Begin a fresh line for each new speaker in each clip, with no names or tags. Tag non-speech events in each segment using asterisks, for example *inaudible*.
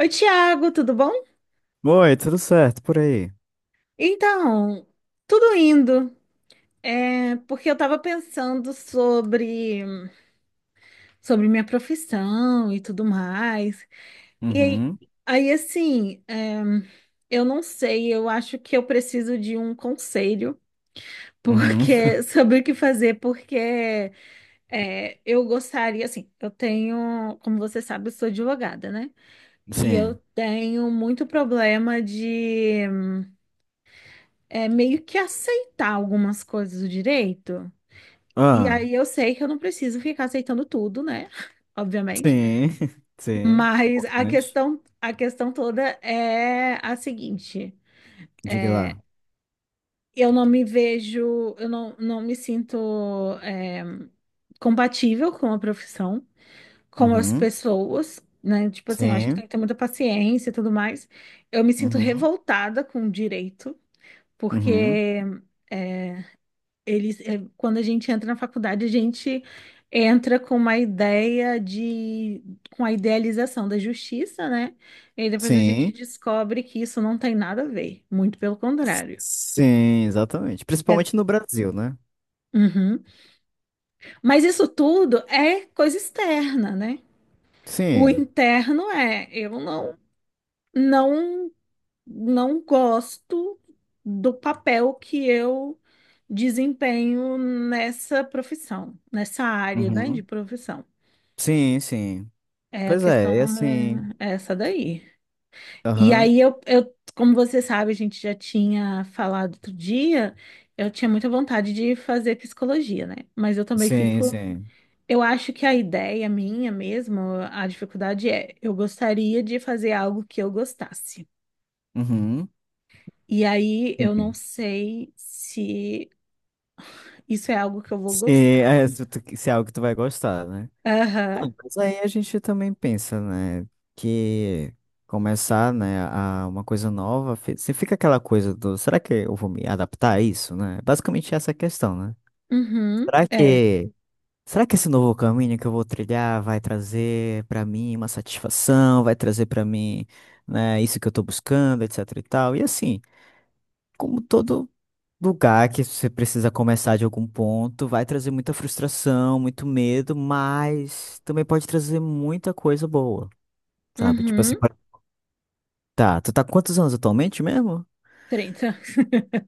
Oi, Tiago, tudo bom?
Oi, tudo certo por aí?
Então, tudo indo. É porque eu tava pensando sobre minha profissão e tudo mais. E aí,
Uhum,
aí assim, eu não sei, eu acho que eu preciso de um conselho
uhum.
porque *laughs* sobre o que fazer, porque é, eu gostaria, assim, eu tenho, como você sabe, eu sou advogada, né?
*laughs*
E eu
Sim.
tenho muito problema é meio que aceitar algumas coisas do direito. E
Ah,
aí eu sei que eu não preciso ficar aceitando tudo, né? *laughs* Obviamente.
sim, *laughs* sim.
Mas a
Importante.
questão, a questão toda é a seguinte:
Diga lá.
eu não me vejo, eu não me sinto é, compatível com a profissão, com as
Uhum,
pessoas. Né? Tipo assim, eu acho que tem
sim,
que ter muita paciência e tudo mais. Eu me sinto
uhum,
revoltada com o direito, porque
uhum,
é, Eles, é, quando a gente entra na faculdade, a gente entra com uma ideia de, com a idealização da justiça, né? E aí depois a gente
sim,
descobre que isso não tem nada a ver, muito pelo contrário.
sim, exatamente.
É,
Principalmente no Brasil, né?
uhum. Mas isso tudo é coisa externa, né? O
Sim,
interno é, eu não, não, não gosto do papel que eu desempenho nessa profissão, nessa área, né, de
uhum,
profissão.
sim, sim.
É, a
Pois é, é
questão
assim.
é essa daí. E
Aham,
aí eu, como você sabe, a gente já tinha falado outro dia, eu tinha muita vontade de fazer psicologia, né? Mas eu também
sim,
fico,
sim.
eu acho que a ideia minha mesmo, a dificuldade é, eu gostaria de fazer algo que eu gostasse.
Uhum,
E aí eu não
sim.
sei se isso é algo que eu vou
Sim,
gostar.
se é algo que tu vai gostar, né?
Aham.
Não, mas aí a gente também pensa, né, que começar, né, a uma coisa nova, se fica aquela coisa do, será que eu vou me adaptar a isso, né? Basicamente essa é a questão, né?
Uhum.
Será
É.
que, será que esse novo caminho que eu vou trilhar vai trazer pra mim uma satisfação, vai trazer pra mim, né, isso que eu tô buscando, etc e tal. E assim, como todo lugar que você precisa começar de algum ponto, vai trazer muita frustração, muito medo, mas também pode trazer muita coisa boa, sabe? Tipo assim,
Uhum.
tá, tu tá com quantos anos atualmente mesmo?
30.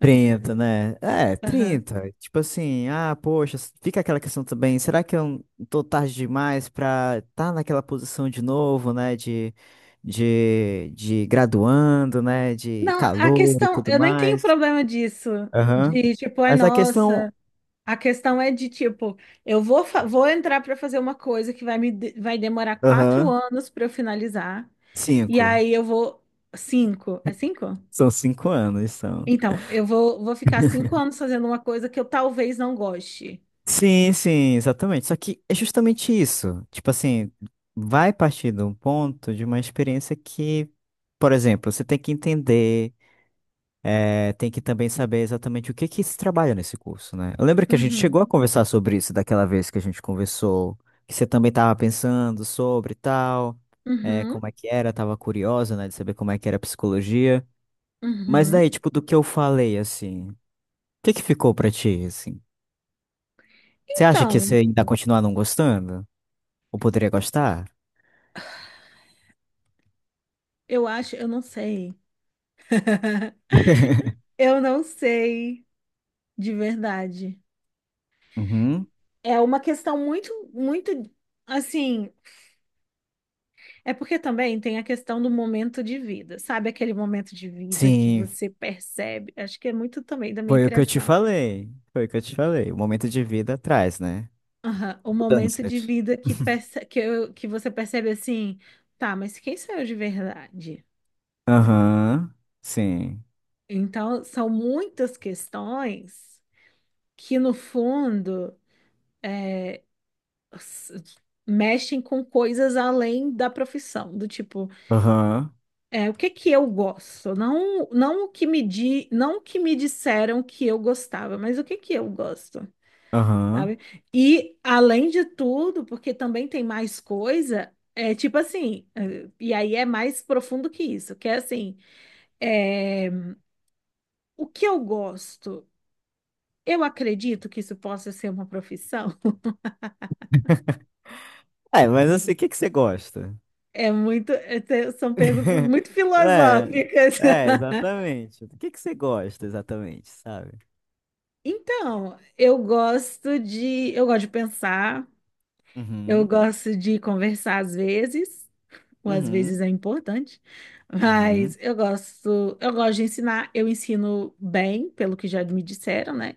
Trinta, né? É,
*laughs* Aham.
trinta. Tipo assim, ah, poxa, fica aquela questão também, será que eu tô tarde demais pra tá naquela posição de novo, né? De graduando, né? De
Não, a
calor e
questão,
tudo
eu nem tenho
mais.
problema disso,
Aham.
de tipo, ai,
Mas a questão.
nossa. A questão é de tipo, vou entrar para fazer uma coisa que vai demorar quatro
Aham.
anos para eu finalizar, e
Cinco.
aí eu vou cinco, é cinco?
São cinco anos, são.
Então, vou ficar 5 anos fazendo uma coisa que eu talvez não goste.
Sim, sim, exatamente. Só que é justamente isso. Tipo assim, vai partir de um ponto de uma experiência que, por exemplo, você tem que entender, tem que também saber exatamente o que que se trabalha nesse curso, né? Eu lembro que a gente
Uhum,
chegou a conversar sobre isso daquela vez que a gente conversou, que você também estava pensando sobre e tal,
uhum,
como é que era, estava curiosa, né, de saber como é que era a psicologia. Mas
uhum.
daí, tipo, do que eu falei, assim, o que que ficou pra ti, assim? Você acha que você
Então,
ainda continua não gostando? Ou poderia gostar?
eu acho, eu não sei. *laughs*
*laughs*
Eu não sei de verdade.
Uhum.
É uma questão muito assim. É porque também tem a questão do momento de vida, sabe? Aquele momento de vida que
Sim,
você percebe. Acho que é muito também da minha
foi o que eu te
criação.
falei. Foi o que eu te falei. O momento de vida traz, né?
Aham. O momento de
Mudanças.
vida que você percebe assim, tá, mas quem sou eu de verdade? Né?
Aham, sim.
Então, são muitas questões que, no fundo, s- mexem com coisas além da profissão, do tipo.
Aham,
É, o que que eu gosto? Não, não o que me di, Não o que me disseram que eu gostava, mas o que que eu gosto,
aham.
sabe? E além de tudo, porque também tem mais coisa, é tipo assim, e aí é mais profundo que isso, que é assim, é, o que eu gosto, eu acredito que isso possa ser uma profissão. *laughs*
É, mas assim, o que que você gosta?
É muito, são perguntas
*laughs*
muito
É,
filosóficas.
é,
*laughs*
exatamente. O que que você gosta exatamente, sabe?
Então, eu gosto de pensar. Eu
Uhum,
gosto de conversar às vezes, ou às vezes
uhum,
é importante,
uhum.
mas eu gosto de ensinar, eu ensino bem, pelo que já me disseram, né?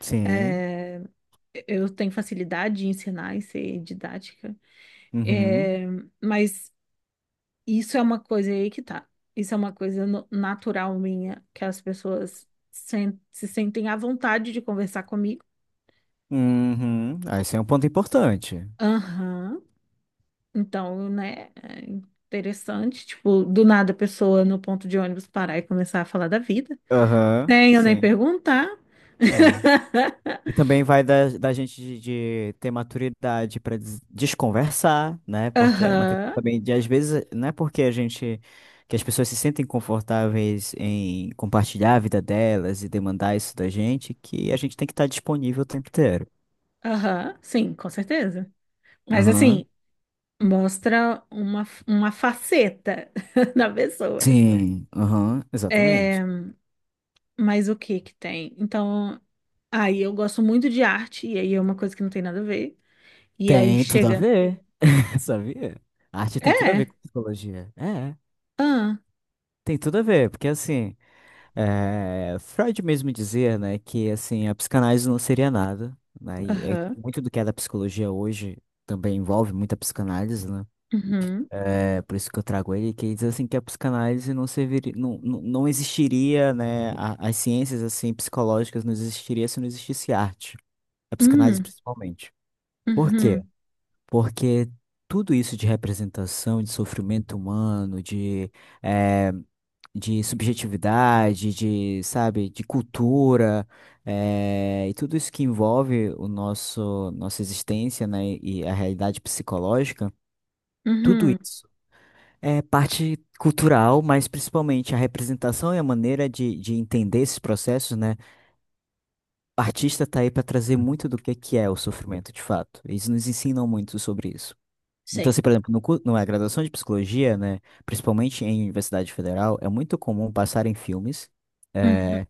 Sim,
Eu tenho facilidade de ensinar e ser didática.
uhum,
É, mas isso é uma coisa aí que tá. Isso é uma coisa natural minha, que as pessoas se sentem à vontade de conversar comigo.
uhum. Ah, esse é um ponto importante.
Aham. Então, né, é interessante, tipo, do nada a pessoa no ponto de ônibus parar e começar a falar da vida.
Aham,
Nem eu nem
sim.
perguntar.
É.
*laughs*
E também vai da gente de ter maturidade para desconversar, né? Porque é uma questão
Aham,
também de, às vezes, não é porque a gente, que as pessoas se sentem confortáveis em compartilhar a vida delas e demandar isso da gente, que a gente tem que estar disponível o tempo inteiro.
aham, sim, com certeza. Mas assim,
Aham.
mostra uma faceta *laughs* da pessoa.
Sim, aham,
É,
exatamente.
mas o que que tem? Então, aí eu gosto muito de arte, e aí é uma coisa que não tem nada a ver. E aí
Tem tudo a
chega,
ver, *laughs* sabia? A arte tem tudo a ver
é,
com psicologia. É,
ah,
tem tudo a ver, porque assim. É, Freud mesmo dizia, né, que assim, a psicanálise não seria nada, né,
aham,
muito do que é da psicologia hoje também envolve muita psicanálise, né,
uhum,
por isso que eu trago ele, que ele diz assim que a psicanálise não serviria, não existiria, né, as ciências assim psicológicas não existiria se não existisse arte, a psicanálise
uhum,
principalmente. Por quê?
uhum,
Porque tudo isso de representação, de sofrimento humano, é, de subjetividade, de, sabe, de cultura, e tudo isso que envolve nossa existência, né, e a realidade psicológica, tudo
uhum.
isso é parte cultural, mas principalmente a representação e a maneira de entender esses processos, né? O artista tá aí para trazer muito do que é o sofrimento de fato. Eles nos ensinam muito sobre isso. Então, assim,
Sei.
por exemplo, no, cu- na graduação de psicologia, né, principalmente em Universidade Federal, é muito comum passarem filmes
Uhum.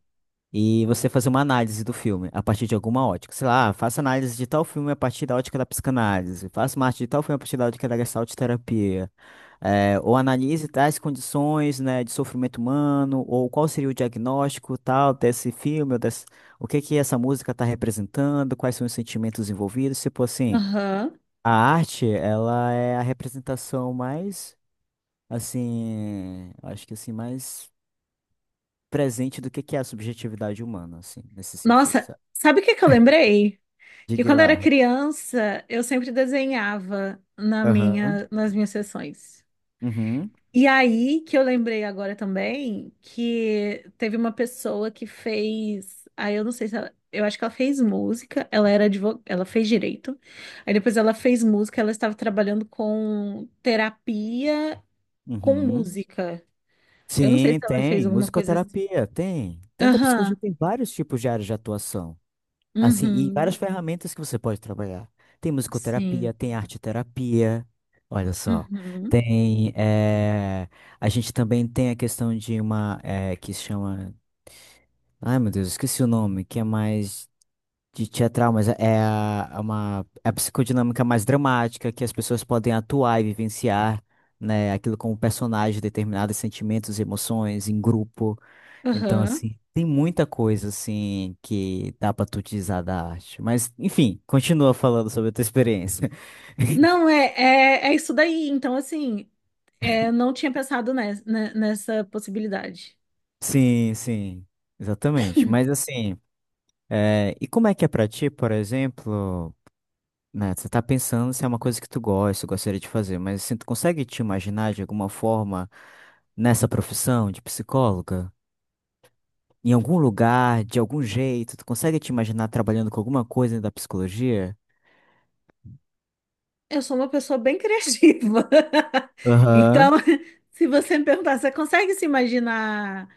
e você fazer uma análise do filme a partir de alguma ótica. Sei lá, "Ah, faça análise de tal filme a partir da ótica da psicanálise, faça uma arte de tal filme a partir da ótica da gestalt terapia. É, ou analise tais condições, né, de sofrimento humano, ou qual seria o diagnóstico tal desse filme, ou desse, o que que essa música está representando, quais são os sentimentos envolvidos, tipo assim,
Aham.
a arte, ela é a representação mais, assim, acho que assim, mais presente do que é a subjetividade humana, assim, nesse sentido,
Nossa,
sabe?
sabe o que que eu lembrei?
De
Que quando eu era
Guilar.
criança, eu sempre desenhava
Aham.
nas minhas sessões.
Uhum.
E aí que eu lembrei agora também que teve uma pessoa que fez, aí eu não sei se ela, eu acho que ela fez música, ela fez direito. Aí depois ela fez música, ela estava trabalhando com terapia com
Uhum.
música. Eu não sei
Sim,
se ela fez
tem.
alguma coisa assim.
Musicoterapia, tem. Dentro da psicologia
Aham.
tem vários tipos de áreas de atuação. Assim, e várias
Uhum.
ferramentas que você pode trabalhar. Tem
Sim.
musicoterapia, tem arteterapia. Olha só.
Uhum.
Tem. A gente também tem a questão de uma que se chama. Ai, meu Deus, esqueci o nome, que é mais. De teatral, mas é é a- é uma é a psicodinâmica mais dramática que as pessoas podem atuar e vivenciar, né, aquilo como personagem, determinados sentimentos, emoções em grupo. Então,
Aham.
assim, tem muita coisa assim que dá pra tu utilizar da arte. Mas, enfim, continua falando sobre a tua experiência.
Não,
*laughs*
é isso daí. Então, assim, é, não tinha pensado nessa possibilidade.
Sim, sim, exatamente. Mas assim, e como é que é pra ti, por exemplo? Né, você tá pensando se é uma coisa que tu gosta, gostaria de fazer, mas assim, tu consegue te imaginar de alguma forma nessa profissão de psicóloga? Em algum lugar, de algum jeito, tu consegue te imaginar trabalhando com alguma coisa da psicologia?
Eu sou uma pessoa bem criativa. *laughs*
Aham.
Então, se você me perguntar, você consegue se imaginar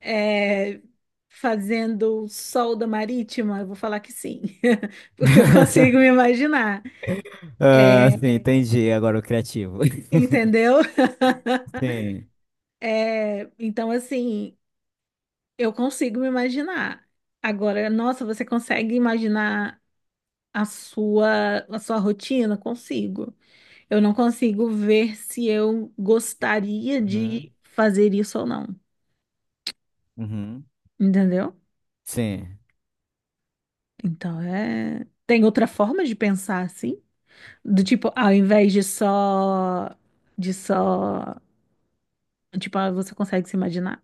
é, fazendo solda marítima? Eu vou falar que sim, *laughs* porque eu consigo me imaginar.
Ah,
É,
sim, entendi. Agora o criativo.
entendeu? *laughs*
*laughs* Sim.
É, então, assim. Eu consigo me imaginar. Agora, nossa, você consegue imaginar a sua rotina? Consigo. Eu não consigo ver se eu gostaria
Uhum.
de fazer isso ou não.
Uhum.
Entendeu?
Sim.
Então, é. Tem outra forma de pensar assim? Do tipo, ao invés de só. De só. Tipo, ah, você consegue se imaginar?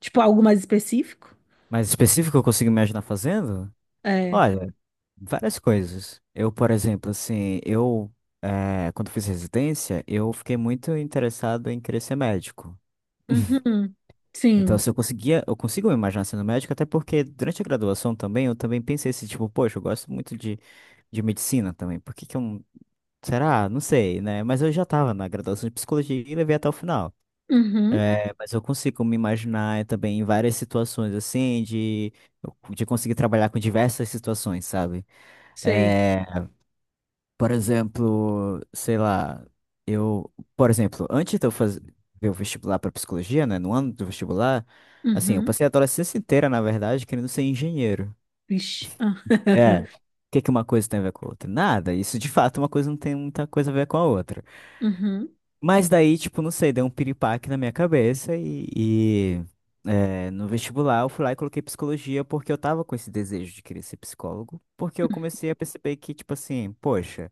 Tipo, algo mais específico?
Mas específico eu consigo imaginar fazendo?
É.
Olha, várias coisas. Eu, por exemplo, assim, quando fiz residência, eu fiquei muito interessado em querer ser médico.
Uhum.
Então,
Sim.
se eu conseguia, eu consigo me imaginar sendo médico, até porque durante a graduação também, eu também pensei assim, tipo, poxa, eu gosto muito de medicina também, por que que eu não... Será? Não sei, né? Mas eu já estava na graduação de psicologia e levei até o final.
Uhum.
Mas eu consigo me imaginar também em várias situações, assim, de conseguir trabalhar com diversas situações, sabe?
Sei.
Eh, Por exemplo, sei lá, eu, por exemplo, antes de eu fazer o vestibular para psicologia, né, no ano do vestibular, assim, eu
Uhum.
passei a adolescência inteira, na verdade, querendo ser engenheiro.
Vixe. Ah.
É. O
*laughs*
que que uma coisa tem a ver com a outra? Nada. Isso de fato, é uma coisa não tem muita coisa a ver com a outra.
Uhum.
Mas daí, tipo, não sei, deu um piripaque na minha cabeça e, no vestibular eu fui lá e coloquei psicologia porque eu tava com esse desejo de querer ser psicólogo, porque eu comecei a perceber que, tipo assim, poxa.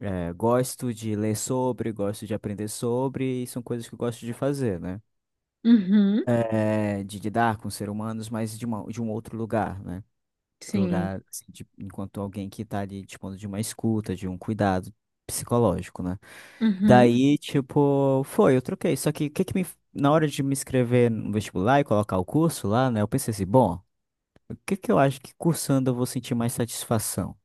É, gosto de ler sobre, gosto de aprender sobre, e são coisas que eu gosto de fazer, né?
Uhum.
É, de lidar com seres humanos, mas de um outro lugar, né? Do
Sim.
lugar, assim, enquanto alguém que tá ali dispondo de uma escuta, de um cuidado psicológico, né?
Uhum.
Daí, tipo, foi, eu troquei. Só que, o que que me, na hora de me inscrever no vestibular e colocar o curso lá, né? Eu pensei assim, bom, o que que eu acho que cursando eu vou sentir mais satisfação?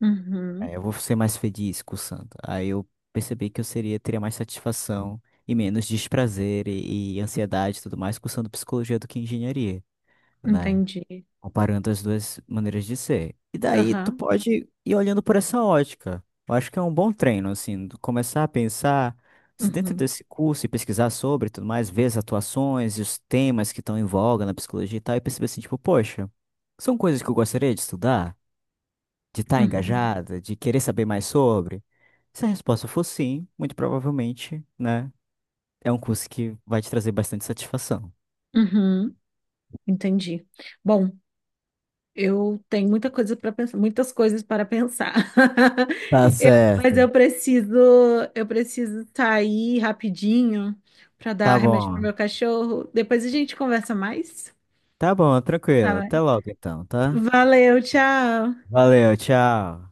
Uhum.
É, eu vou ser mais feliz cursando. Aí eu percebi que eu seria, teria mais satisfação e menos desprazer e ansiedade e tudo mais cursando psicologia do que engenharia, né?
Entendi.
Comparando as duas maneiras de ser. E daí tu
Aham.
pode ir olhando por essa ótica. Eu acho que é um bom treino, assim, tu começar a pensar se dentro
Uhum.
desse curso e pesquisar sobre e tudo mais, ver as atuações e os temas que estão em voga na psicologia e tal, e perceber assim, tipo, poxa, são coisas que eu gostaria de estudar? De estar
Uhum.
engajada, de querer saber mais sobre? Se a resposta for sim, muito provavelmente, né, é um curso que vai te trazer bastante satisfação.
Uhum. Entendi. Bom, eu tenho muita coisa para pensar, muitas coisas para pensar. *laughs*
Tá
Eu, mas
certo.
eu preciso sair rapidinho para dar
Tá
remédio pro
bom.
meu cachorro. Depois a gente conversa mais.
Tá bom,
Tá
tranquilo. Até
bem.
logo então, tá?
Valeu, tchau.
Valeu, tchau.